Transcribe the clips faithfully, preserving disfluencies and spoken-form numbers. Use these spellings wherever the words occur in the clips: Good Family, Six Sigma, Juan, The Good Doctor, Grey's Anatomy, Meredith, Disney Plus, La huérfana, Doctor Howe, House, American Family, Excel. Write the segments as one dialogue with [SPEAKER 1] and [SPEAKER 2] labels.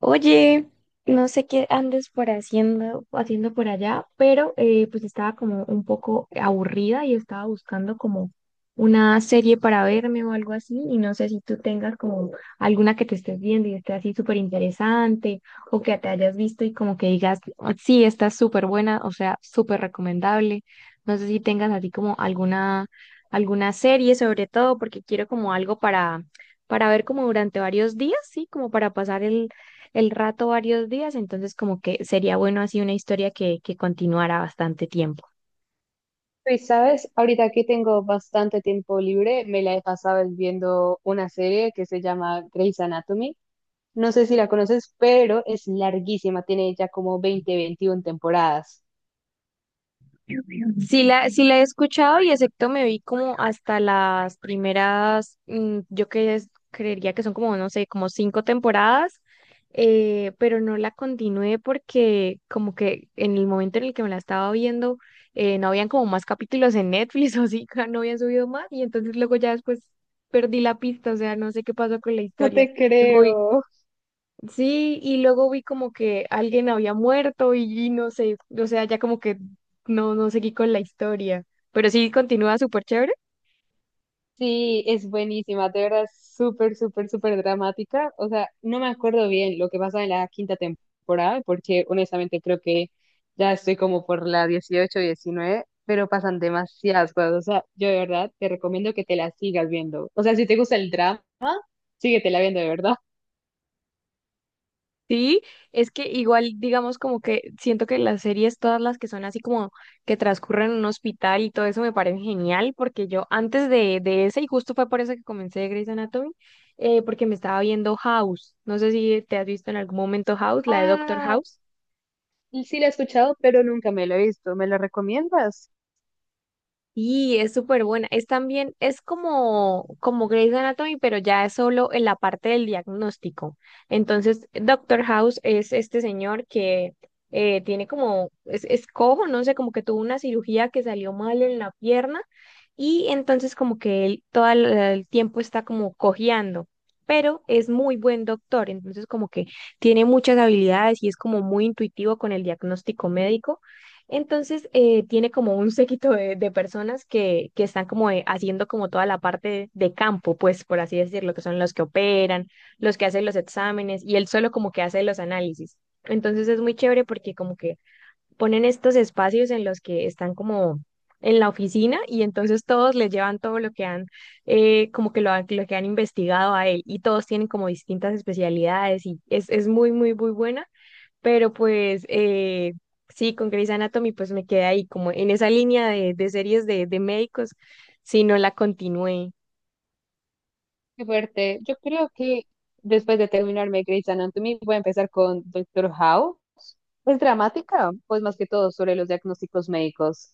[SPEAKER 1] Oye, no sé qué andes por haciendo, haciendo por allá, pero eh, pues estaba como un poco aburrida y estaba buscando como una serie para verme o algo así, y no sé si tú tengas como alguna que te estés viendo y esté así súper interesante, o que te hayas visto y como que digas, "Ah, sí, está súper buena, o sea, súper recomendable." No sé si tengas así como alguna, alguna serie sobre todo, porque quiero como algo para para ver como durante varios días, sí, como para pasar el, el rato varios días, entonces como que sería bueno así una historia que, que continuara bastante tiempo.
[SPEAKER 2] Y sabes, ahorita que tengo bastante tiempo libre, me la he pasado viendo una serie que se llama Grey's Anatomy. No sé si la conoces, pero es larguísima, tiene ya como veinte, veintiuna temporadas.
[SPEAKER 1] Ujú. Sí la, sí la he escuchado y excepto me vi como hasta las primeras, mm, yo que es- creería que son como, no sé, como cinco temporadas, eh, pero no la continué porque como que en el momento en el que me la estaba viendo, eh, no habían como más capítulos en Netflix o así, no habían subido más y entonces luego ya después perdí la pista, o sea, no sé qué pasó con la
[SPEAKER 2] No
[SPEAKER 1] historia.
[SPEAKER 2] te
[SPEAKER 1] Luego vi
[SPEAKER 2] creo.
[SPEAKER 1] Sí, y luego vi como que alguien había muerto y, y no sé, o sea, ya como que no, no seguí con la historia, pero sí continúa súper chévere.
[SPEAKER 2] Sí, es buenísima, de verdad, súper, súper, súper dramática. O sea, no me acuerdo bien lo que pasa en la quinta temporada, porque honestamente creo que ya estoy como por la dieciocho, diecinueve, pero pasan demasiadas cosas. O sea, yo de verdad te recomiendo que te la sigas viendo. O sea, si te gusta el drama, síguetela viendo, de verdad.
[SPEAKER 1] Sí, es que igual, digamos, como que siento que las series, todas las que son así como que transcurren en un hospital y todo eso me parecen genial, porque yo antes de, de ese, y justo fue por eso que comencé Grey's Anatomy, eh, porque me estaba viendo House, no sé si te has visto en algún momento House, la de Doctor
[SPEAKER 2] Ah,
[SPEAKER 1] House.
[SPEAKER 2] y sí la he escuchado, pero nunca me la he visto. ¿Me la recomiendas?
[SPEAKER 1] Y es súper buena. Es también, es como, como Grey's Anatomy, pero ya es solo en la parte del diagnóstico. Entonces, Doctor House es este señor que eh, tiene como, es, es cojo, no sé, como que tuvo una cirugía que salió mal en la pierna y entonces como que él todo el, el tiempo está como cojeando. Pero es muy buen doctor, entonces como que tiene muchas habilidades y es como muy intuitivo con el diagnóstico médico. Entonces, eh, tiene como un séquito de, de personas que, que están como eh, haciendo como toda la parte de campo, pues por así decirlo, que son los que operan, los que hacen los exámenes y él solo como que hace los análisis. Entonces es muy chévere porque como que ponen estos espacios en los que están como en la oficina y entonces todos le llevan todo lo que han, eh, como que lo, han- lo que han investigado a él y todos tienen como distintas especialidades y es, es muy, muy, muy buena pero pues eh, sí, con Grey's Anatomy pues me quedé ahí como en esa línea de, de series de, de médicos, si no la continué.
[SPEAKER 2] Qué fuerte. Yo creo que después de terminarme Grey's Anatomy, voy a empezar con Doctor Howe, pues dramática, pues más que todo sobre los diagnósticos médicos.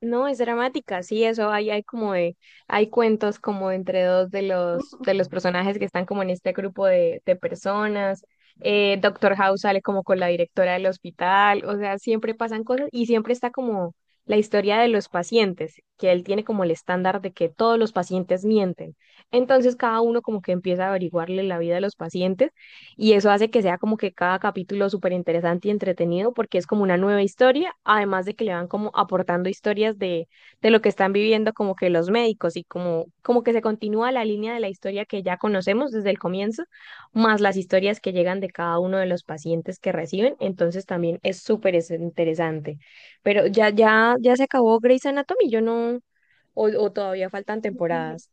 [SPEAKER 1] No, es dramática, sí, eso hay, hay como de, hay cuentos como entre dos de los, de los personajes que están como en este grupo de, de personas. Eh, Doctor House sale como con la directora del hospital, o sea, siempre pasan cosas y siempre está como la historia de los pacientes, que él tiene como el estándar de que todos los pacientes mienten. Entonces cada uno como que empieza a averiguarle la vida a los pacientes y eso hace que sea como que cada capítulo súper interesante y entretenido porque es como una nueva historia, además de que le van como aportando historias de, de lo que están viviendo como que los médicos y como, como que se continúa la línea de la historia que ya conocemos desde el comienzo, más las historias que llegan de cada uno de los pacientes que reciben, entonces también es súper es- interesante. Pero ya, ya, ya se acabó Grey's Anatomy, yo no, o, o todavía faltan temporadas.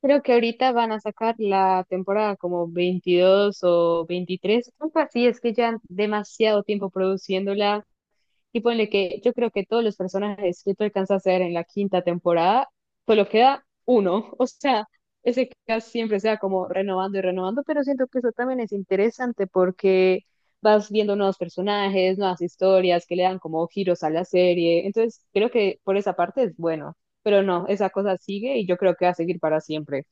[SPEAKER 2] Creo que ahorita van a sacar la temporada como veintidós o veintitrés, algo así, es que ya demasiado tiempo produciéndola. Y ponle que yo creo que todos los personajes que tú alcanzas a hacer en la quinta temporada, solo queda uno. O sea, ese cast siempre sea como renovando y renovando, pero siento que eso también es interesante porque vas viendo nuevos personajes, nuevas historias que le dan como giros a la serie. Entonces, creo que por esa parte es bueno, pero no, esa cosa sigue y yo creo que va a seguir para siempre.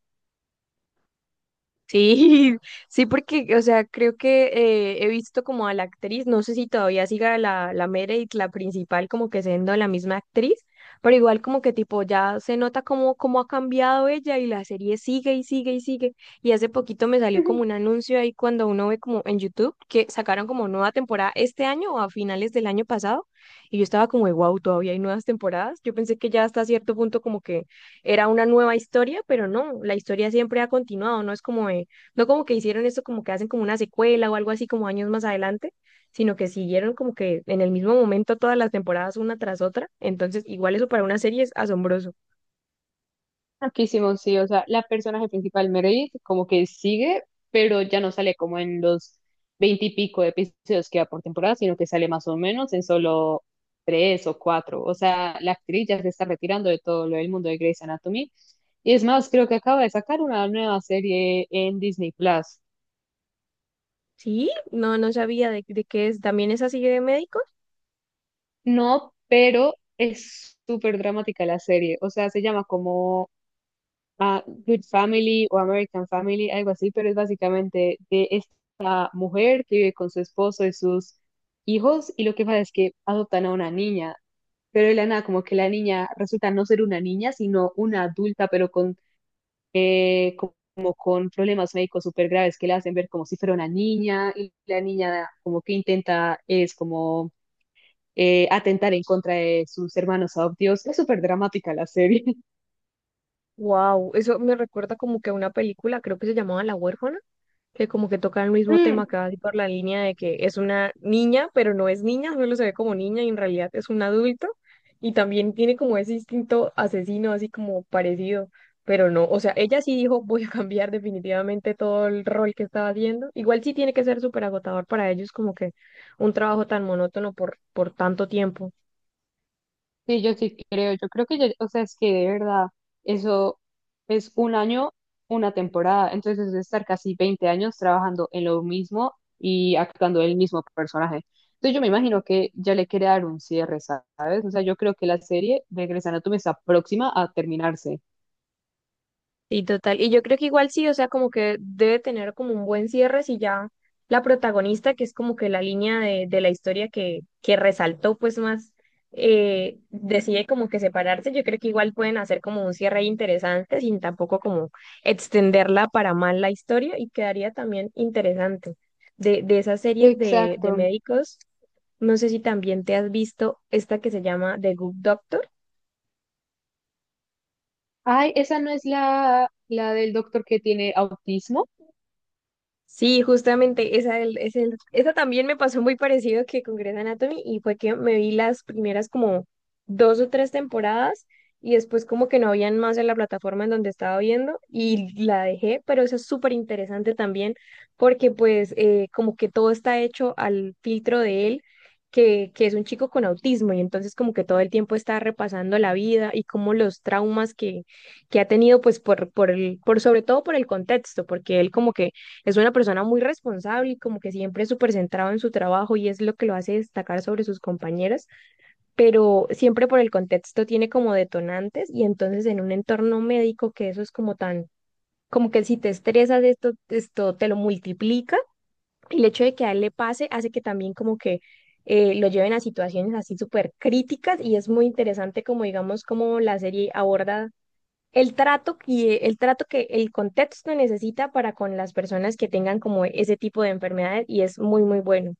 [SPEAKER 1] Sí, sí, porque, o sea, creo que eh, he visto como a la actriz, no sé si todavía siga la, la Meredith, la principal, como que siendo la misma actriz, pero igual como que tipo ya se nota como, como ha cambiado ella y la serie sigue y sigue y sigue. Y hace poquito me salió como un anuncio ahí cuando uno ve como en YouTube que sacaron como nueva temporada este año o a finales del año pasado y yo estaba como de wow, todavía hay nuevas temporadas. Yo pensé que ya hasta cierto punto como que era una nueva historia, pero no, la historia siempre ha continuado, no es como de- no como que hicieron esto como que hacen como una secuela o algo así como años más adelante, sino que siguieron como que en el mismo momento todas las temporadas una tras otra, entonces igual eso para una serie es asombroso.
[SPEAKER 2] Loquísimo, sí, o sea, la personaje principal, Meredith, como que sigue, pero ya no sale como en los veinte y veintipico episodios que va por temporada, sino que sale más o menos en solo tres o cuatro. O sea, la actriz ya se está retirando de todo lo del mundo de Grey's Anatomy. Y es más, creo que acaba de sacar una nueva serie en Disney Plus.
[SPEAKER 1] Sí, no, no sabía de, de qué es, también es así de médicos.
[SPEAKER 2] No, pero es súper dramática la serie. O sea, se llama como A Good Family o American Family, algo así, pero es básicamente de mujer que vive con su esposo y sus hijos, y lo que pasa es que adoptan a una niña, pero de la nada como que la niña resulta no ser una niña, sino una adulta, pero con, eh, como con problemas médicos súper graves que la hacen ver como si fuera una niña, y la niña como que intenta es como eh, atentar en contra de sus hermanos adoptivos. Es súper dramática la serie.
[SPEAKER 1] Wow, eso me recuerda como que a una película, creo que se llamaba La Huérfana, que como que toca el mismo
[SPEAKER 2] Mm.
[SPEAKER 1] tema casi por la línea de que es una niña, pero no es niña, solo se ve como niña y en realidad es un adulto y también tiene como ese instinto asesino así como parecido, pero no, o sea, ella sí dijo voy a cambiar definitivamente todo el rol que estaba haciendo, igual sí tiene que ser súper agotador para ellos como que un trabajo tan monótono por, por tanto tiempo.
[SPEAKER 2] Sí, yo sí creo, yo creo que, ya- o sea, es que de verdad, eso es un año, una temporada, entonces es estar casi veinte años trabajando en lo mismo y actuando el mismo personaje. Entonces yo me imagino que ya le quiere dar un cierre, ¿sabes? O sea, yo creo que la serie de Grey's Anatomy está próxima a terminarse.
[SPEAKER 1] Y total, y yo creo que igual sí, o sea, como que debe tener como un buen cierre si ya la protagonista, que es como que la línea de, de la historia que, que resaltó pues más, eh, decide como que separarse, yo creo que igual pueden hacer como un cierre interesante sin tampoco como extenderla para mal la historia y quedaría también interesante. De, de esas series de,
[SPEAKER 2] Exacto.
[SPEAKER 1] de médicos, no sé si también te has visto esta que se llama The Good Doctor.
[SPEAKER 2] Ay, esa no es la, la del doctor que tiene autismo.
[SPEAKER 1] Sí, justamente esa, el- es el- esa también me pasó muy parecido que con Grey's Anatomy y fue que me vi las primeras como dos o tres temporadas y después como que no habían más en la plataforma en donde estaba viendo y la dejé, pero eso es súper interesante también porque pues eh, como que todo está hecho al filtro de él, que, que es un chico con autismo y entonces como que todo el tiempo está repasando la vida y como los traumas que, que ha tenido pues por, por el, por sobre todo por el contexto, porque él como que es una persona muy responsable y como que siempre es súper centrado en su trabajo y es lo que lo hace destacar sobre sus compañeras, pero siempre por el contexto tiene como detonantes y entonces en un entorno médico que eso es como tan, como que si te estresas esto, esto te lo multiplica y el hecho de que a él le pase hace que también como que eh, lo lleven a situaciones así súper críticas y es muy interesante como digamos como la serie aborda el trato que, el trato que el contexto necesita para con las personas que tengan como ese tipo de enfermedades y es muy, muy bueno.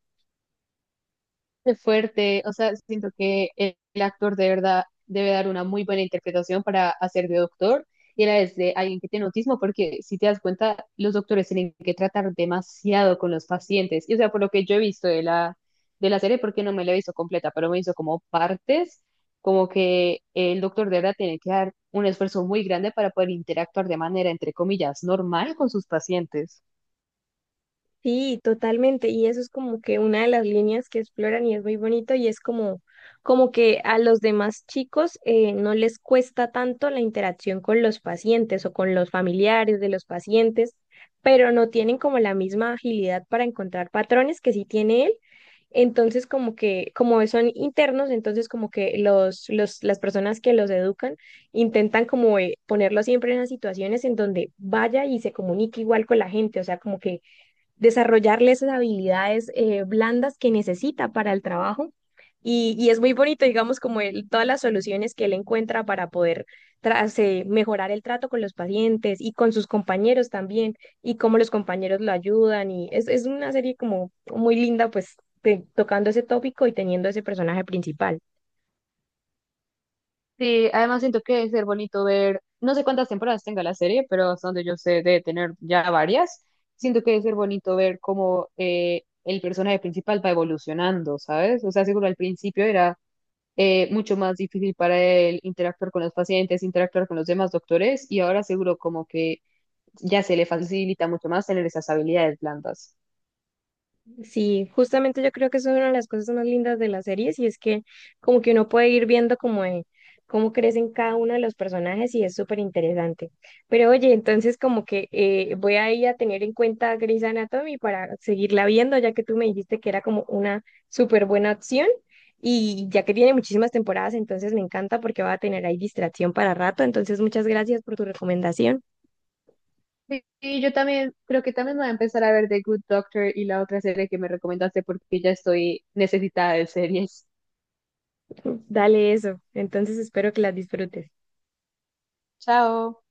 [SPEAKER 2] Qué fuerte, o sea, siento que el, el actor de verdad debe dar una muy buena interpretación para hacer de doctor y a la vez de alguien que tiene autismo, porque si te das cuenta, los doctores tienen que tratar demasiado con los pacientes. Y o sea, por lo que yo he visto de la, de la serie, porque no me la he visto completa, pero me hizo como partes, como que el doctor de verdad tiene que dar un esfuerzo muy grande para poder interactuar de manera, entre comillas, normal con sus pacientes.
[SPEAKER 1] Sí, totalmente. Y eso es como que una de las líneas que exploran y es muy bonito y es como, como que a los demás chicos eh, no les cuesta tanto la interacción con los pacientes o con los familiares de los pacientes, pero no tienen como la misma agilidad para encontrar patrones que sí tiene él. Entonces, como que, como son internos, entonces como que los, los, las personas que los educan intentan como eh, ponerlo siempre en las situaciones en donde vaya y se comunique igual con la gente, o sea, como que desarrollarle esas habilidades eh, blandas que necesita para el trabajo. Y, y es muy bonito, digamos, como él- todas las soluciones que él encuentra para poder tras- eh, mejorar el trato con los pacientes y con sus compañeros también, y cómo los compañeros lo ayudan. Y es, es una serie como muy linda, pues, te- tocando ese tópico y teniendo ese personaje principal.
[SPEAKER 2] Sí, además siento que debe ser bonito ver, no sé cuántas temporadas tenga la serie, pero hasta donde yo sé debe tener ya varias. Siento que debe ser bonito ver cómo eh, el personaje principal va evolucionando, ¿sabes? O sea, seguro al principio era eh, mucho más difícil para él interactuar con los pacientes, interactuar con los demás doctores, y ahora seguro como que ya se le facilita mucho más tener esas habilidades blandas.
[SPEAKER 1] Sí, justamente yo creo que eso es una de las cosas más lindas de las series y es que como que uno puede ir viendo como de- cómo crecen cada uno de los personajes y es súper interesante. Pero oye, entonces como que eh, voy a ir a tener en cuenta Grey's Anatomy para seguirla viendo, ya que tú me dijiste que era como una súper buena opción y ya que tiene muchísimas temporadas, entonces me encanta porque va a tener ahí distracción para rato. Entonces muchas gracias por tu recomendación.
[SPEAKER 2] Sí, sí, yo también creo que también voy a empezar a ver The Good Doctor y la otra serie que me recomendaste porque ya estoy necesitada de series.
[SPEAKER 1] Dale eso, entonces espero que las disfrutes.
[SPEAKER 2] Chao.